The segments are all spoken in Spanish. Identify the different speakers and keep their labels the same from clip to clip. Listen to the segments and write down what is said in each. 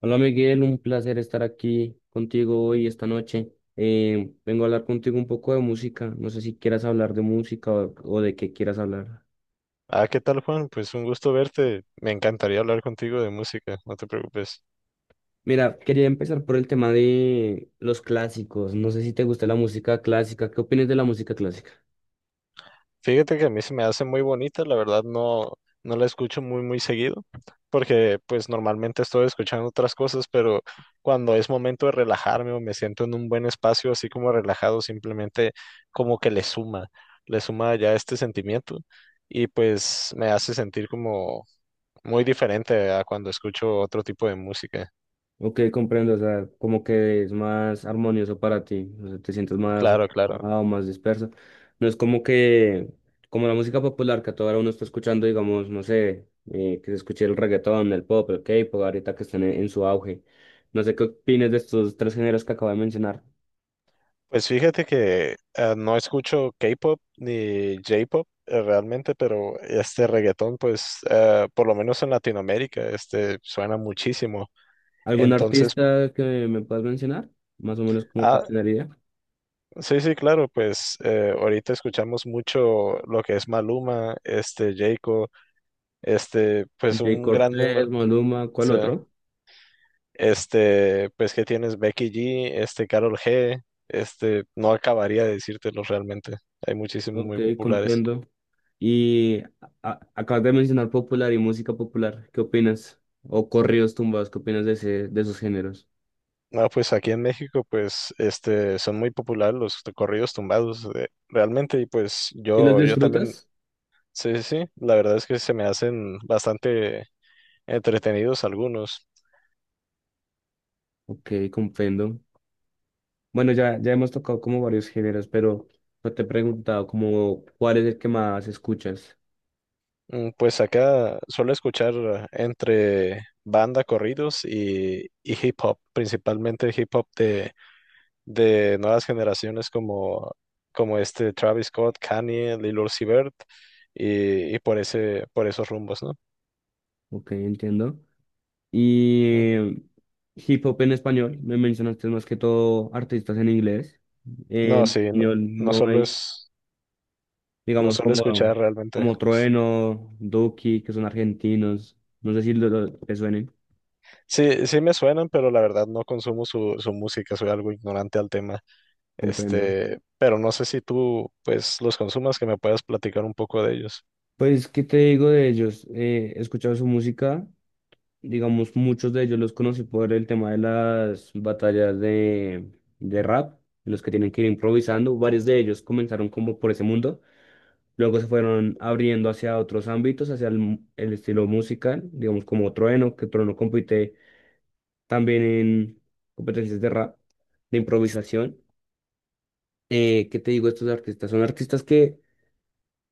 Speaker 1: Hola Miguel, un placer estar aquí contigo hoy, esta noche. Vengo a hablar contigo un poco de música. No sé si quieras hablar de música o de qué quieras hablar.
Speaker 2: Ah, ¿qué tal, Juan? Pues un gusto verte. Me encantaría hablar contigo de música, no te preocupes.
Speaker 1: Mira, quería empezar por el tema de los clásicos. No sé si te gusta la música clásica. ¿Qué opinas de la música clásica?
Speaker 2: Fíjate que a mí se me hace muy bonita, la verdad no, no la escucho muy, muy seguido, porque pues normalmente estoy escuchando otras cosas, pero cuando es momento de relajarme o me siento en un buen espacio, así como relajado, simplemente como que le suma ya este sentimiento y pues me hace sentir como muy diferente a cuando escucho otro tipo de música.
Speaker 1: Ok, comprendo, o sea, como que es más armonioso para ti, o sea, te sientes más
Speaker 2: Claro, claro.
Speaker 1: relajado, más disperso. No es como que, Como la música popular que a toda hora uno está escuchando, digamos, no sé, que se escuche el reggaetón, el pop, el K-pop, ahorita que están en su auge. No sé qué opinas de estos tres géneros que acabo de mencionar.
Speaker 2: Pues fíjate que no escucho K-pop ni J-pop realmente, pero este reggaetón, pues por lo menos en Latinoamérica, este suena muchísimo.
Speaker 1: ¿Algún
Speaker 2: Entonces,
Speaker 1: artista que me puedas mencionar? Más o menos como
Speaker 2: ah,
Speaker 1: para tener idea.
Speaker 2: sí, sí, claro, pues ahorita escuchamos mucho lo que es Maluma, este Jayco, este, pues
Speaker 1: Jay
Speaker 2: un gran número.
Speaker 1: Cortés,
Speaker 2: O
Speaker 1: Maluma, ¿cuál
Speaker 2: sea,
Speaker 1: otro?
Speaker 2: este, pues que tienes Becky G, este Karol G, este, no acabaría de decírtelos realmente. Hay muchísimos
Speaker 1: Ok,
Speaker 2: muy populares.
Speaker 1: comprendo. Y acabas de mencionar popular y música popular. ¿Qué opinas? O corridos tumbados, ¿qué opinas de de esos géneros?
Speaker 2: No, pues aquí en México, pues, este, son muy populares los corridos tumbados, realmente, y pues
Speaker 1: ¿Y los
Speaker 2: yo también,
Speaker 1: disfrutas?
Speaker 2: sí, sí, sí, la verdad es que se me hacen bastante entretenidos algunos.
Speaker 1: Ok, comprendo. Bueno, ya hemos tocado como varios géneros, pero no te he preguntado como cuál es el que más escuchas.
Speaker 2: Mm, pues acá suelo escuchar entre banda corridos y hip hop, principalmente hip hop de nuevas generaciones como, como este Travis Scott, Kanye, Lil Uzi Vert, y por ese, por esos rumbos, ¿no?
Speaker 1: Ok, entiendo.
Speaker 2: Mm.
Speaker 1: Y hip hop en español, me mencionaste más que todo artistas en inglés.
Speaker 2: No,
Speaker 1: En
Speaker 2: sí, no,
Speaker 1: español
Speaker 2: no
Speaker 1: no
Speaker 2: solo
Speaker 1: hay.
Speaker 2: es, no
Speaker 1: Digamos
Speaker 2: solo
Speaker 1: como,
Speaker 2: escuchar realmente.
Speaker 1: como Trueno, Duki, que son argentinos, no sé si te suenen.
Speaker 2: Sí, sí me suenan, pero la verdad no consumo su, su música, soy algo ignorante al tema.
Speaker 1: Comprendo.
Speaker 2: Este, pero no sé si tú, pues, los consumas, que me puedas platicar un poco de ellos.
Speaker 1: Pues, ¿qué te digo de ellos? He escuchado su música, digamos, muchos de ellos los conocí por el tema de las batallas de rap, en los que tienen que ir improvisando. Varios de ellos comenzaron como por ese mundo, luego se fueron abriendo hacia otros ámbitos, hacia el estilo musical, digamos como Trueno, que Trueno compite también en competencias de rap, de improvisación. ¿Qué te digo? Estos artistas son artistas que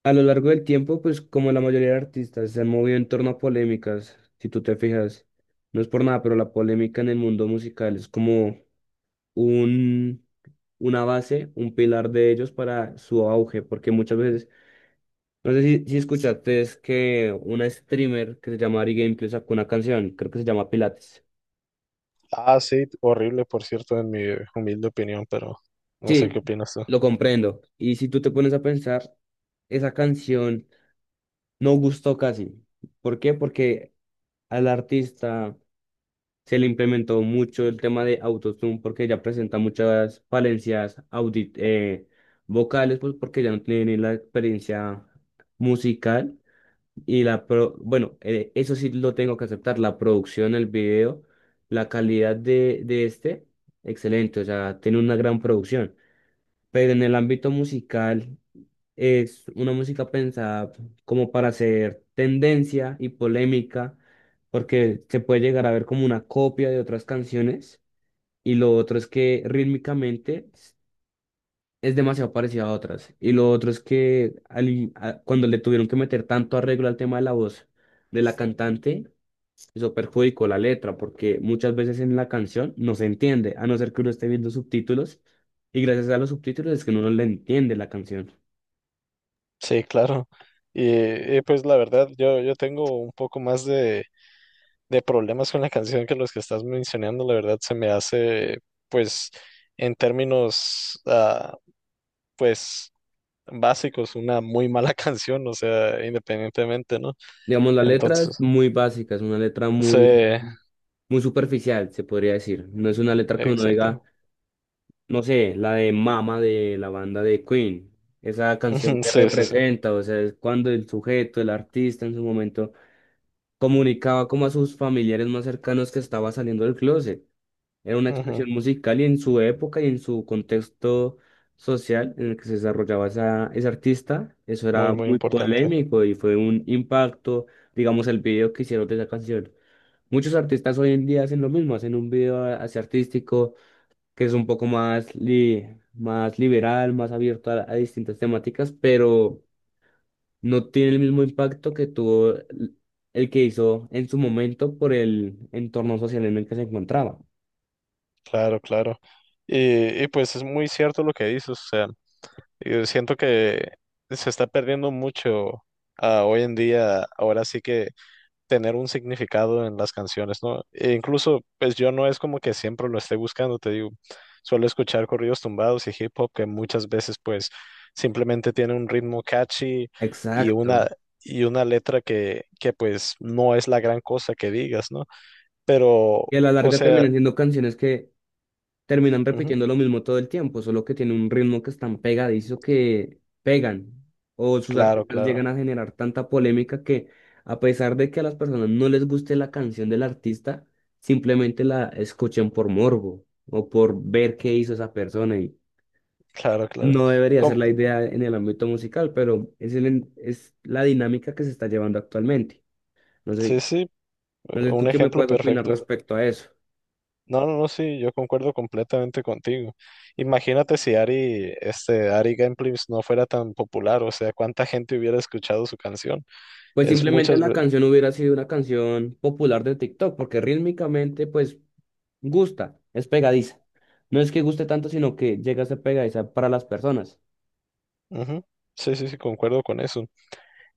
Speaker 1: a lo largo del tiempo, pues como la mayoría de artistas, se han movido en torno a polémicas, si tú te fijas. No es por nada, pero la polémica en el mundo musical es como un, una base, un pilar de ellos para su auge, porque muchas veces, no sé si escuchaste, es que una streamer que se llama Ari Gameplay sacó una canción, creo que se llama Pilates.
Speaker 2: Ah, sí, horrible, por cierto, en mi humilde opinión, pero no sé qué
Speaker 1: Sí,
Speaker 2: opinas tú.
Speaker 1: lo comprendo. Y si tú te pones a pensar, esa canción no gustó casi. ¿Por qué? Porque al artista se le implementó mucho el tema de autotune, porque ya presenta muchas falencias audit vocales, pues porque ya no tiene ni la experiencia musical eso sí lo tengo que aceptar, la producción, el video, la calidad de este, excelente, o sea, tiene una gran producción, pero en el ámbito musical es una música pensada como para hacer tendencia y polémica, porque se puede llegar a ver como una copia de otras canciones. Y lo otro es que es demasiado parecida a otras. Y lo otro es que cuando le tuvieron que meter tanto arreglo al tema de la voz de la Sí. cantante, eso perjudicó la letra, porque muchas veces en la canción no se entiende, a no ser que uno esté viendo subtítulos. Y gracias a los subtítulos es que uno no le entiende la canción.
Speaker 2: Sí, claro. Pues la verdad, yo tengo un poco más de problemas con la canción que los que estás mencionando, la verdad se me hace, pues, en términos pues básicos, una muy mala canción, o sea, independientemente, ¿no?
Speaker 1: Digamos, la letra es
Speaker 2: Entonces,
Speaker 1: muy básica, es una letra
Speaker 2: sí,
Speaker 1: muy, muy superficial, se podría decir. No es una letra que uno diga,
Speaker 2: exacto.
Speaker 1: no sé, la de Mama de la banda de Queen, esa canción que
Speaker 2: Sí, sí, sí.
Speaker 1: representa, o sea, es cuando el sujeto, el artista en su momento, comunicaba como a sus familiares más cercanos que estaba saliendo del closet. Era una
Speaker 2: Ujú,
Speaker 1: expresión musical, y en su época y en su contexto social en el que se desarrollaba ese artista, eso
Speaker 2: muy,
Speaker 1: era
Speaker 2: muy
Speaker 1: muy
Speaker 2: importante.
Speaker 1: polémico y fue un impacto, digamos, el video que hicieron de esa canción. Muchos artistas hoy en día hacen lo mismo, hacen un video así artístico que es un poco más, más liberal, más abierto a distintas temáticas, pero no tiene el mismo impacto que tuvo el que hizo en su momento por el entorno social en el que se encontraba.
Speaker 2: Claro, claro. Pues es muy cierto lo que dices, o sea, yo siento que se está perdiendo mucho hoy en día, ahora sí que tener un significado en las canciones, ¿no? E incluso, pues yo no es como que siempre lo esté buscando, te digo, suelo escuchar corridos tumbados y hip hop que muchas veces pues simplemente tiene un ritmo catchy y una,
Speaker 1: Exacto.
Speaker 2: y una letra que pues no es la gran cosa que digas, ¿no? Pero,
Speaker 1: Y a la
Speaker 2: o
Speaker 1: larga
Speaker 2: sea,
Speaker 1: terminan siendo canciones que terminan
Speaker 2: ujú,
Speaker 1: repitiendo lo mismo todo el tiempo, solo que tiene un ritmo que es tan pegadizo que pegan. O sus
Speaker 2: claro,
Speaker 1: artistas
Speaker 2: claro,
Speaker 1: llegan a generar tanta polémica que, a pesar de que a las personas no les guste la canción del artista, simplemente la escuchen por morbo o por ver qué hizo esa persona. Y
Speaker 2: claro, claro.
Speaker 1: no debería ser
Speaker 2: Com-
Speaker 1: la idea en el ámbito musical, pero es, es la dinámica que se está llevando actualmente. No
Speaker 2: sí,
Speaker 1: sé,
Speaker 2: sí,
Speaker 1: no sé
Speaker 2: un
Speaker 1: tú qué me
Speaker 2: ejemplo
Speaker 1: puedes opinar
Speaker 2: perfecto.
Speaker 1: respecto a eso.
Speaker 2: No, no, no, sí, yo concuerdo completamente contigo. Imagínate si Ari, este, Ari Gameplays no fuera tan popular, o sea, cuánta gente hubiera escuchado su canción.
Speaker 1: Pues
Speaker 2: Es
Speaker 1: simplemente
Speaker 2: muchas
Speaker 1: la
Speaker 2: veces.
Speaker 1: canción hubiera sido una canción popular de TikTok, porque rítmicamente, pues, gusta, es pegadiza. No es que guste tanto, sino que llega a ser pegadiza para las personas.
Speaker 2: Sí, sí, sí, concuerdo con eso.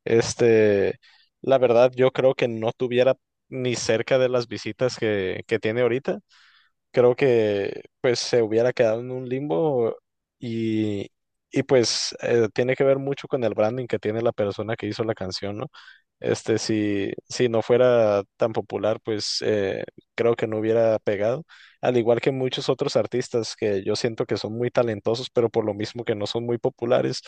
Speaker 2: Este, la verdad, yo creo que no tuviera ni cerca de las visitas que tiene ahorita. Creo que pues se hubiera quedado en un limbo y, y pues tiene que ver mucho con el branding que tiene la persona que hizo la canción, ¿no? Este, si no fuera tan popular, pues creo que no hubiera pegado, al igual que muchos otros artistas que yo siento que son muy talentosos, pero por lo mismo que no son muy populares,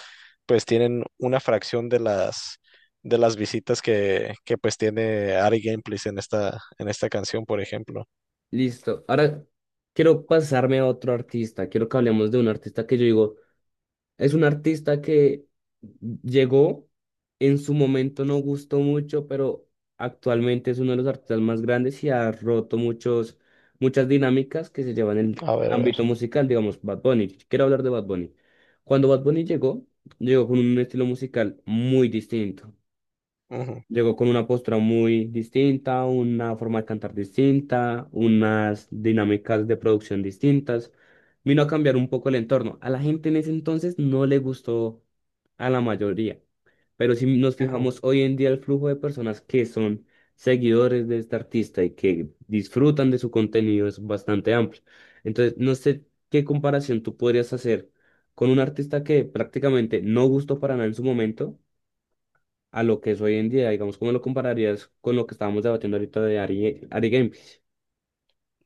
Speaker 2: pues tienen una fracción de las visitas que pues tiene Ari Gameplays en esta canción, por ejemplo.
Speaker 1: Listo. Ahora quiero pasarme a otro artista. Quiero que hablemos de un artista que yo digo, es un artista que llegó, en su momento no gustó mucho, pero actualmente es uno de los artistas más grandes y ha roto muchas dinámicas que se llevan en el
Speaker 2: A ver, a ver.
Speaker 1: ámbito musical, digamos, Bad Bunny. Quiero hablar de Bad Bunny. Cuando Bad Bunny llegó, llegó con un estilo musical muy distinto.
Speaker 2: Ujú.
Speaker 1: Llegó con una postura muy distinta, una forma de cantar distinta, unas dinámicas de producción distintas. Vino a cambiar un poco el entorno. A la gente en ese entonces no le gustó a la mayoría. Pero si nos
Speaker 2: Ujú.
Speaker 1: fijamos hoy en día, el flujo de personas que son seguidores de este artista y que disfrutan de su contenido es bastante amplio. Entonces, no sé qué comparación tú podrías hacer con un artista que prácticamente no gustó para nada en su momento a lo que es hoy en día, digamos, ¿cómo lo compararías con lo que estábamos debatiendo ahorita de Ari Game?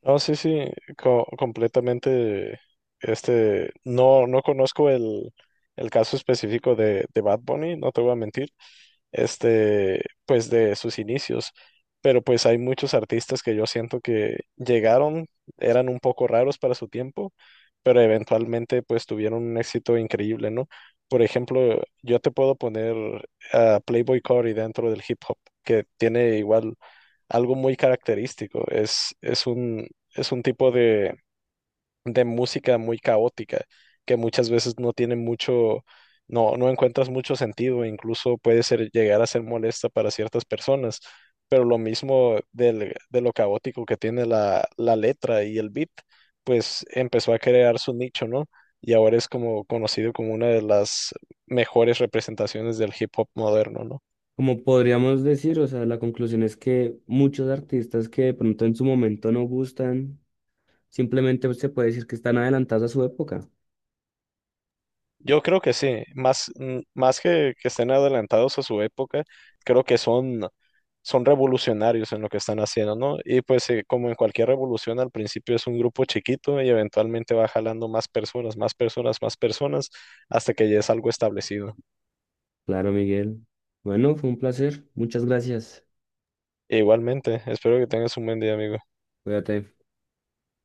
Speaker 2: No, sí, sí, completamente. Este, no, no conozco el caso específico de Bad Bunny, no te voy a mentir, este, pues de sus inicios. Pero pues hay muchos artistas que yo siento que llegaron, eran un poco raros para su tiempo, pero eventualmente pues tuvieron un éxito increíble, ¿no? Por ejemplo, yo te puedo poner a Playboy Carti dentro del hip hop, que tiene igual algo muy característico. Es, es un tipo de música muy caótica, que muchas veces no tiene mucho, no, no encuentras mucho sentido, incluso puede ser, llegar a ser molesta para ciertas personas, pero lo mismo de lo caótico que tiene la, la letra y el beat, pues empezó a crear su nicho, ¿no? Y ahora es como conocido como una de las mejores representaciones del hip hop moderno, ¿no?
Speaker 1: Como podríamos decir, o sea, la conclusión es que muchos artistas que de pronto en su momento no gustan, simplemente se puede decir que están adelantados a su época.
Speaker 2: Yo creo que sí, más, más que estén adelantados a su época, creo que son, son revolucionarios en lo que están haciendo, ¿no? Y pues como en cualquier revolución, al principio es un grupo chiquito y eventualmente va jalando más personas, más personas, más personas, hasta que ya es algo establecido.
Speaker 1: Claro, Miguel. Bueno, fue un placer. Muchas gracias.
Speaker 2: Igualmente, espero que tengas un buen día, amigo.
Speaker 1: Cuídate.